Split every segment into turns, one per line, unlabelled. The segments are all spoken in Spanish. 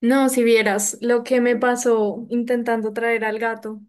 No, si vieras lo que me pasó intentando traer al gato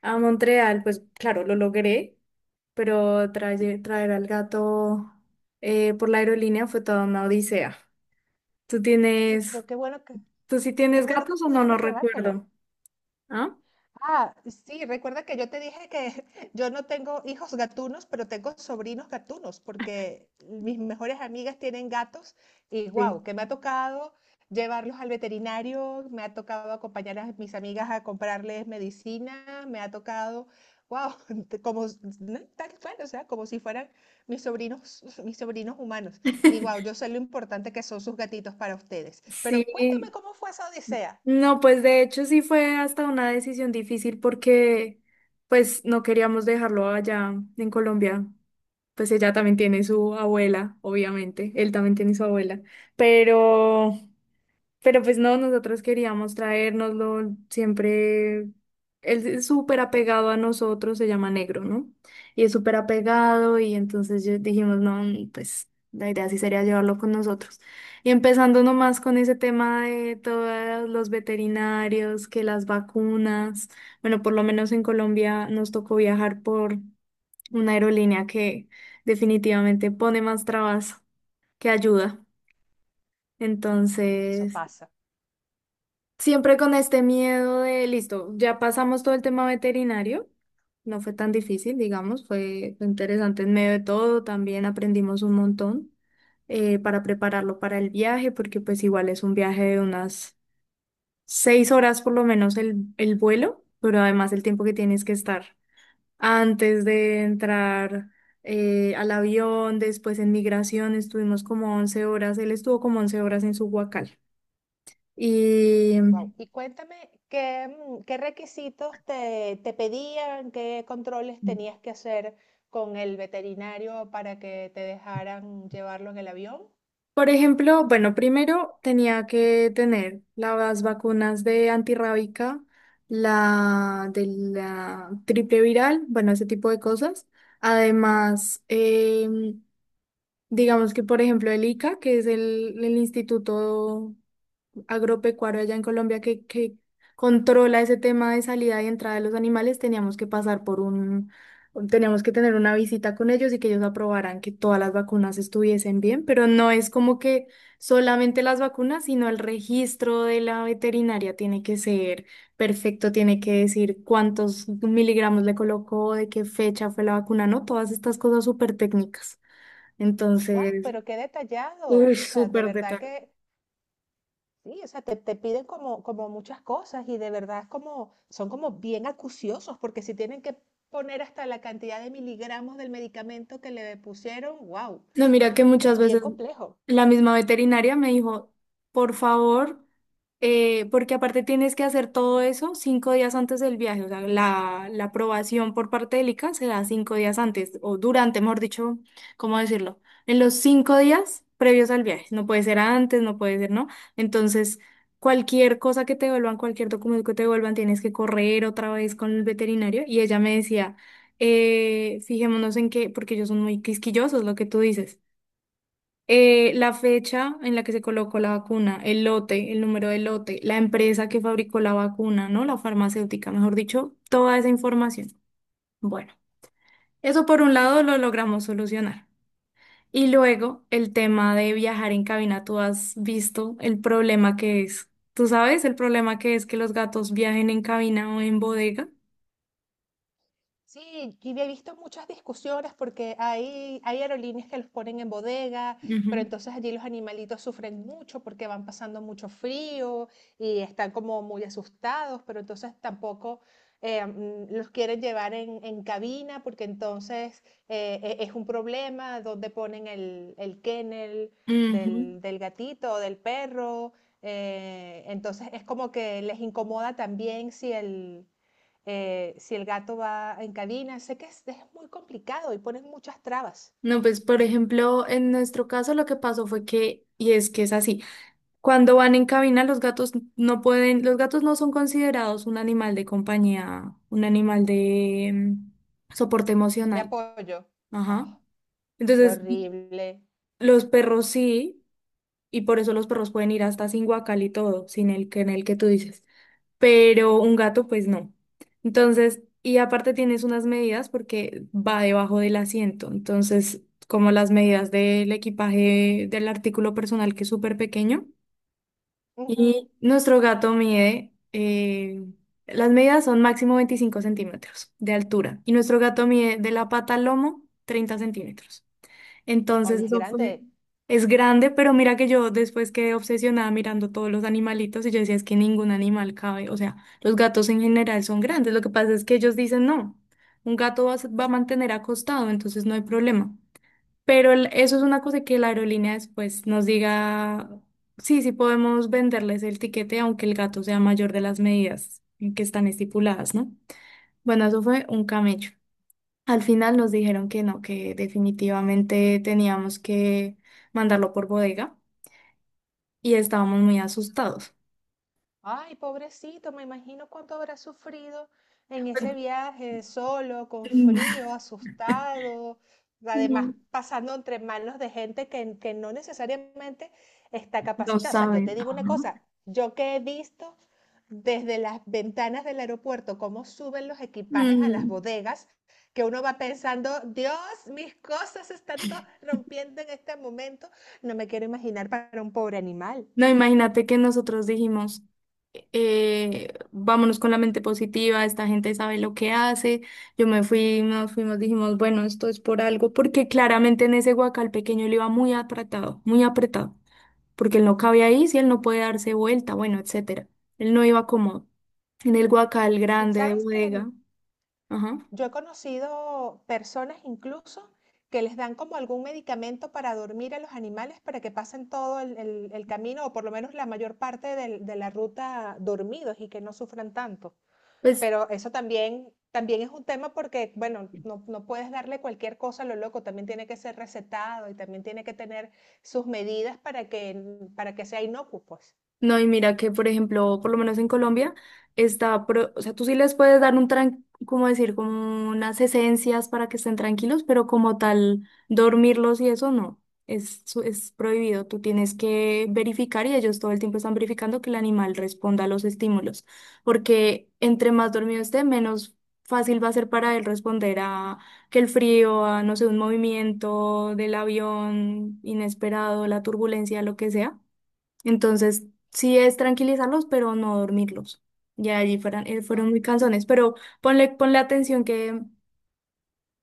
a Montreal, pues claro, lo logré, pero traer al gato por la aerolínea fue toda una odisea. ¿Tú
Y
tienes,
creo que bueno que,
tú sí
qué
tienes
bueno que
gatos o no? No
pudiste llevártelo.
recuerdo. ¿Ah?
Ah, sí, recuerda que yo te dije que yo no tengo hijos gatunos, pero tengo sobrinos gatunos, porque mis mejores amigas tienen gatos y
Sí.
wow, que me ha tocado llevarlos al veterinario, me ha tocado acompañar a mis amigas a comprarles medicina, me ha tocado, wow, no, tal cual, o sea, como si fueran mis sobrinos, mis sobrinos humanos. Y wow, yo sé lo importante que son sus gatitos para ustedes. Pero cuéntame
Sí,
cómo fue esa odisea.
no, pues de hecho sí fue hasta una decisión difícil porque pues no queríamos dejarlo allá en Colombia, pues ella también tiene su abuela, obviamente, él también tiene su abuela, pero, pero pues no, nosotros queríamos traérnoslo, siempre, él es súper apegado a nosotros, se llama Negro, ¿no? Y es súper apegado y entonces dijimos, no, pues la idea sí sería llevarlo con nosotros. Y empezando nomás con ese tema de todos los veterinarios, que las vacunas, bueno, por lo menos en Colombia nos tocó viajar por una aerolínea que definitivamente pone más trabas que ayuda.
Eso
Entonces,
pasa.
siempre con este miedo de, listo, ya pasamos todo el tema veterinario. No fue tan difícil, digamos, fue interesante en medio de todo, también aprendimos un montón, para prepararlo para el viaje, porque pues igual es un viaje de unas 6 horas por lo menos el vuelo, pero además el tiempo que tienes que estar antes de entrar al avión, después en migración, estuvimos como 11 horas, él estuvo como 11 horas en su huacal. Y,
Wow. Y cuéntame qué requisitos te pedían, qué controles tenías que hacer con el veterinario para que te dejaran llevarlo en el avión.
por ejemplo, bueno, primero tenía que tener las vacunas de antirrábica, la de la triple viral, bueno, ese tipo de cosas. Además, digamos que, por ejemplo, el ICA, que es el instituto agropecuario allá en Colombia que controla ese tema de salida y entrada de los animales, teníamos que pasar por un, teníamos que tener una visita con ellos y que ellos aprobaran que todas las vacunas estuviesen bien, pero no es como que solamente las vacunas, sino el registro de la veterinaria tiene que ser perfecto, tiene que decir cuántos miligramos le colocó, de qué fecha fue la vacuna, ¿no? Todas estas cosas súper técnicas.
Wow,
Entonces,
pero qué detallado.
uy,
O sea, de
súper
verdad
detalle.
que sí, o sea, te piden como, como muchas cosas y de verdad es como, son como bien acuciosos porque si tienen que poner hasta la cantidad de miligramos del medicamento que le pusieron, wow,
No, mira que
es
muchas
bien
veces
complejo.
la misma veterinaria me dijo, por favor, porque aparte tienes que hacer todo eso 5 días antes del viaje, o sea, la aprobación por parte del ICA se da 5 días antes, o durante, mejor dicho, ¿cómo decirlo? En los 5 días previos al viaje, no puede ser antes, no puede ser, ¿no? Entonces, cualquier cosa que te devuelvan, cualquier documento que te devuelvan, tienes que correr otra vez con el veterinario, y ella me decía, fijémonos en que, porque ellos son muy quisquillosos, lo que tú dices. La fecha en la que se colocó la vacuna, el lote, el número de lote, la empresa que fabricó la vacuna, ¿no? La farmacéutica, mejor dicho, toda esa información. Bueno, eso por un lado lo logramos solucionar. Y luego el tema de viajar en cabina, tú has visto el problema que es. ¿Tú sabes el problema que es que los gatos viajen en cabina o en bodega?
Sí, y he visto muchas discusiones porque hay aerolíneas que los ponen en bodega, pero
Ujú.
entonces allí los animalitos sufren mucho porque van pasando mucho frío y están como muy asustados, pero entonces tampoco los quieren llevar en cabina porque entonces es un problema dónde ponen el kennel
Ujú.
del gatito o del perro. Entonces es como que les incomoda también si el si el gato va en cabina, sé que es muy complicado y ponen muchas trabas
No, pues por ejemplo, en nuestro caso lo que pasó fue que, y es que es así. Cuando van en cabina, los gatos no pueden, los gatos no son considerados un animal de compañía, un animal de soporte
de
emocional.
apoyo.
Ajá.
Ah, qué
Entonces,
horrible.
los perros sí, y por eso los perros pueden ir hasta sin guacal y todo, sin el que en el que tú dices. Pero un gato, pues no. Entonces, y aparte tienes unas medidas porque va debajo del asiento. Entonces, como las medidas del equipaje del artículo personal que es súper pequeño.
Ujú.
Y nuestro gato mide, las medidas son máximo 25 centímetros de altura. Y nuestro gato mide de la pata al lomo 30 centímetros.
Oye,
Entonces
es
eso fue,
grande.
es grande, pero mira que yo después quedé obsesionada mirando todos los animalitos y yo decía, es que ningún animal cabe. O sea, los gatos en general son grandes. Lo que pasa es que ellos dicen, no, un gato va a, va a mantener acostado, entonces no hay problema. Pero eso es una cosa que la aerolínea después nos diga, sí, sí podemos venderles el tiquete aunque el gato sea mayor de las medidas en que están estipuladas, ¿no? Bueno, eso fue un camello. Al final nos dijeron que no, que definitivamente teníamos que mandarlo por bodega y estábamos muy asustados.
Ay, pobrecito, me imagino cuánto habrá sufrido en ese viaje, solo, con frío, asustado,
No,
además pasando entre manos de gente que no necesariamente está
no
capacitada. O sea, yo
saben.
te
Ajá.
digo una cosa, yo que he visto desde las ventanas del aeropuerto cómo suben los equipajes a las
Mm.
bodegas, que uno va pensando, Dios, mis cosas se están todas rompiendo en este momento, no me quiero imaginar para un pobre animal.
No, imagínate que nosotros dijimos, vámonos con la mente positiva, esta gente sabe lo que hace. Nos fuimos, dijimos, bueno, esto es por algo, porque claramente en ese guacal pequeño él iba muy apretado, porque él no cabía ahí, si él no puede darse vuelta, bueno, etcétera. Él no iba cómodo. En el guacal
Sí,
grande de
¿sabes qué?
bodega, ajá,
Yo he conocido personas incluso que les dan como algún medicamento para dormir a los animales para que pasen todo el camino o por lo menos la mayor parte de la ruta dormidos y que no sufran tanto.
pues
Pero eso también, también es un tema porque, bueno, no, no puedes darle cualquier cosa a lo loco, también tiene que ser recetado y también tiene que tener sus medidas para que sea inocuo, pues.
no, y mira que, por ejemplo, por lo menos en Colombia, está, o sea, tú sí les puedes dar un, tran como decir, como unas esencias para que estén tranquilos, pero como tal, dormirlos y eso no, es, es prohibido. Tú tienes que verificar y ellos todo el tiempo están verificando que el animal responda a los estímulos, porque entre más dormido esté, menos fácil va a ser para él responder a que el frío, a, no sé, un movimiento del avión inesperado, la turbulencia, lo que sea. Entonces, sí es tranquilizarlos, pero no dormirlos. Ya allí fueran, fueron
Ah,
muy cansones, pero ponle atención que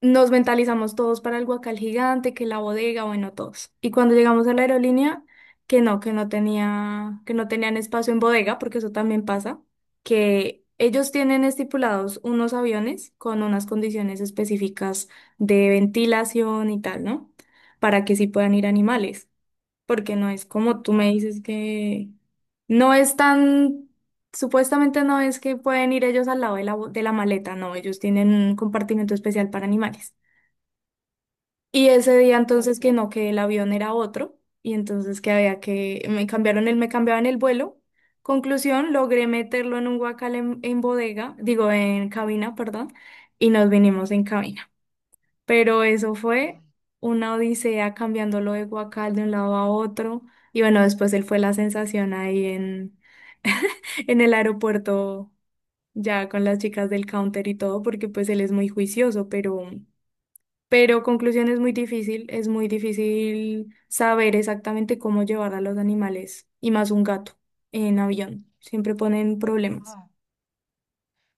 nos mentalizamos todos para el guacal gigante, que la bodega, bueno, todos. Y cuando llegamos a la aerolínea, que no tenía, que no tenían espacio en bodega, porque eso también pasa, que ellos tienen estipulados unos aviones con unas condiciones específicas de ventilación y tal, ¿no? Para que sí puedan ir animales, porque no es como tú me
Ah,
dices que no es tan, supuestamente no es que pueden ir ellos al lado de la, de la maleta, no, ellos tienen un compartimento especial para animales. Y ese día entonces
ok.
que no, que el avión era otro, y entonces que había que, me cambiaban el vuelo. Conclusión, logré meterlo en un guacal en bodega, digo, en cabina, perdón, y nos vinimos en cabina, pero eso fue
Ay.
una odisea cambiándolo de guacal de un lado a otro. Y bueno, después él fue la sensación ahí en, en el aeropuerto, ya con las chicas del counter y todo, porque pues él es muy juicioso, pero conclusión es muy difícil saber exactamente cómo llevar a los animales, y más un gato, en avión. Siempre ponen problemas.
Ah,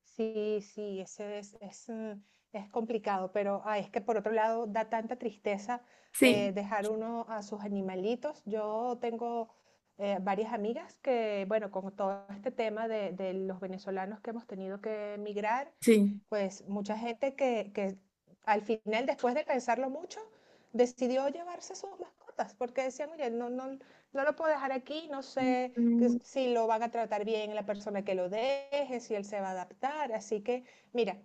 sí, sí, ese es, es complicado, pero ay, es que por otro lado da tanta tristeza
Sí,
dejar uno a sus animalitos. Yo tengo varias amigas que, bueno, con todo este tema de los venezolanos que hemos tenido que emigrar,
sí.
pues mucha gente que al final, después de pensarlo mucho, decidió llevarse sus mascotas, porque decían, oye, no, no, no lo puedo dejar aquí, no sé
Mm,
si lo van a tratar bien la persona que lo deje, si él se va a adaptar. Así que, mira,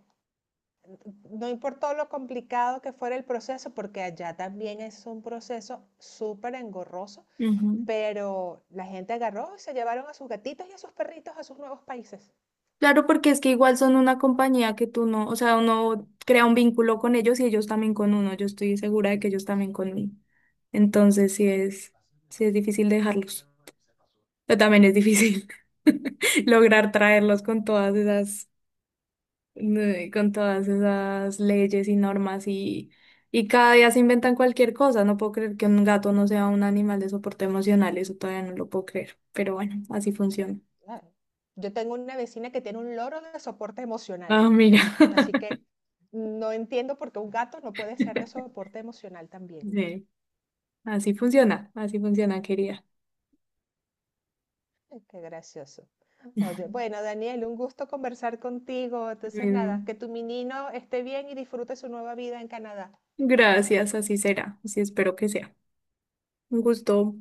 no importó lo complicado que fuera el proceso, porque allá también es un proceso súper engorroso,
ujú.
pero la gente agarró y se llevaron a sus gatitos y a sus perritos a sus nuevos países.
Claro, porque es que igual son una compañía que tú no, o sea, uno crea un vínculo con ellos y ellos también con uno. Yo estoy segura de que ellos también conmigo. Entonces, sí es difícil dejarlos. Pero también es difícil lograr traerlos con todas esas leyes y normas y cada día se inventan cualquier cosa. No puedo creer que un gato no sea un animal de soporte emocional. Eso todavía no lo puedo creer. Pero bueno, así funciona.
Claro. Yo tengo una vecina que tiene un loro de soporte emocional,
Ah, mira.
así que no entiendo por qué un gato no puede ser de soporte emocional también.
Sí. Así funciona, querida.
Ay, qué gracioso. Oye, bueno, Daniel, un gusto conversar contigo. Entonces, nada,
Bien,
que tu menino esté bien y disfrute su nueva vida en Canadá.
gracias, así será, así espero que sea. Un gusto.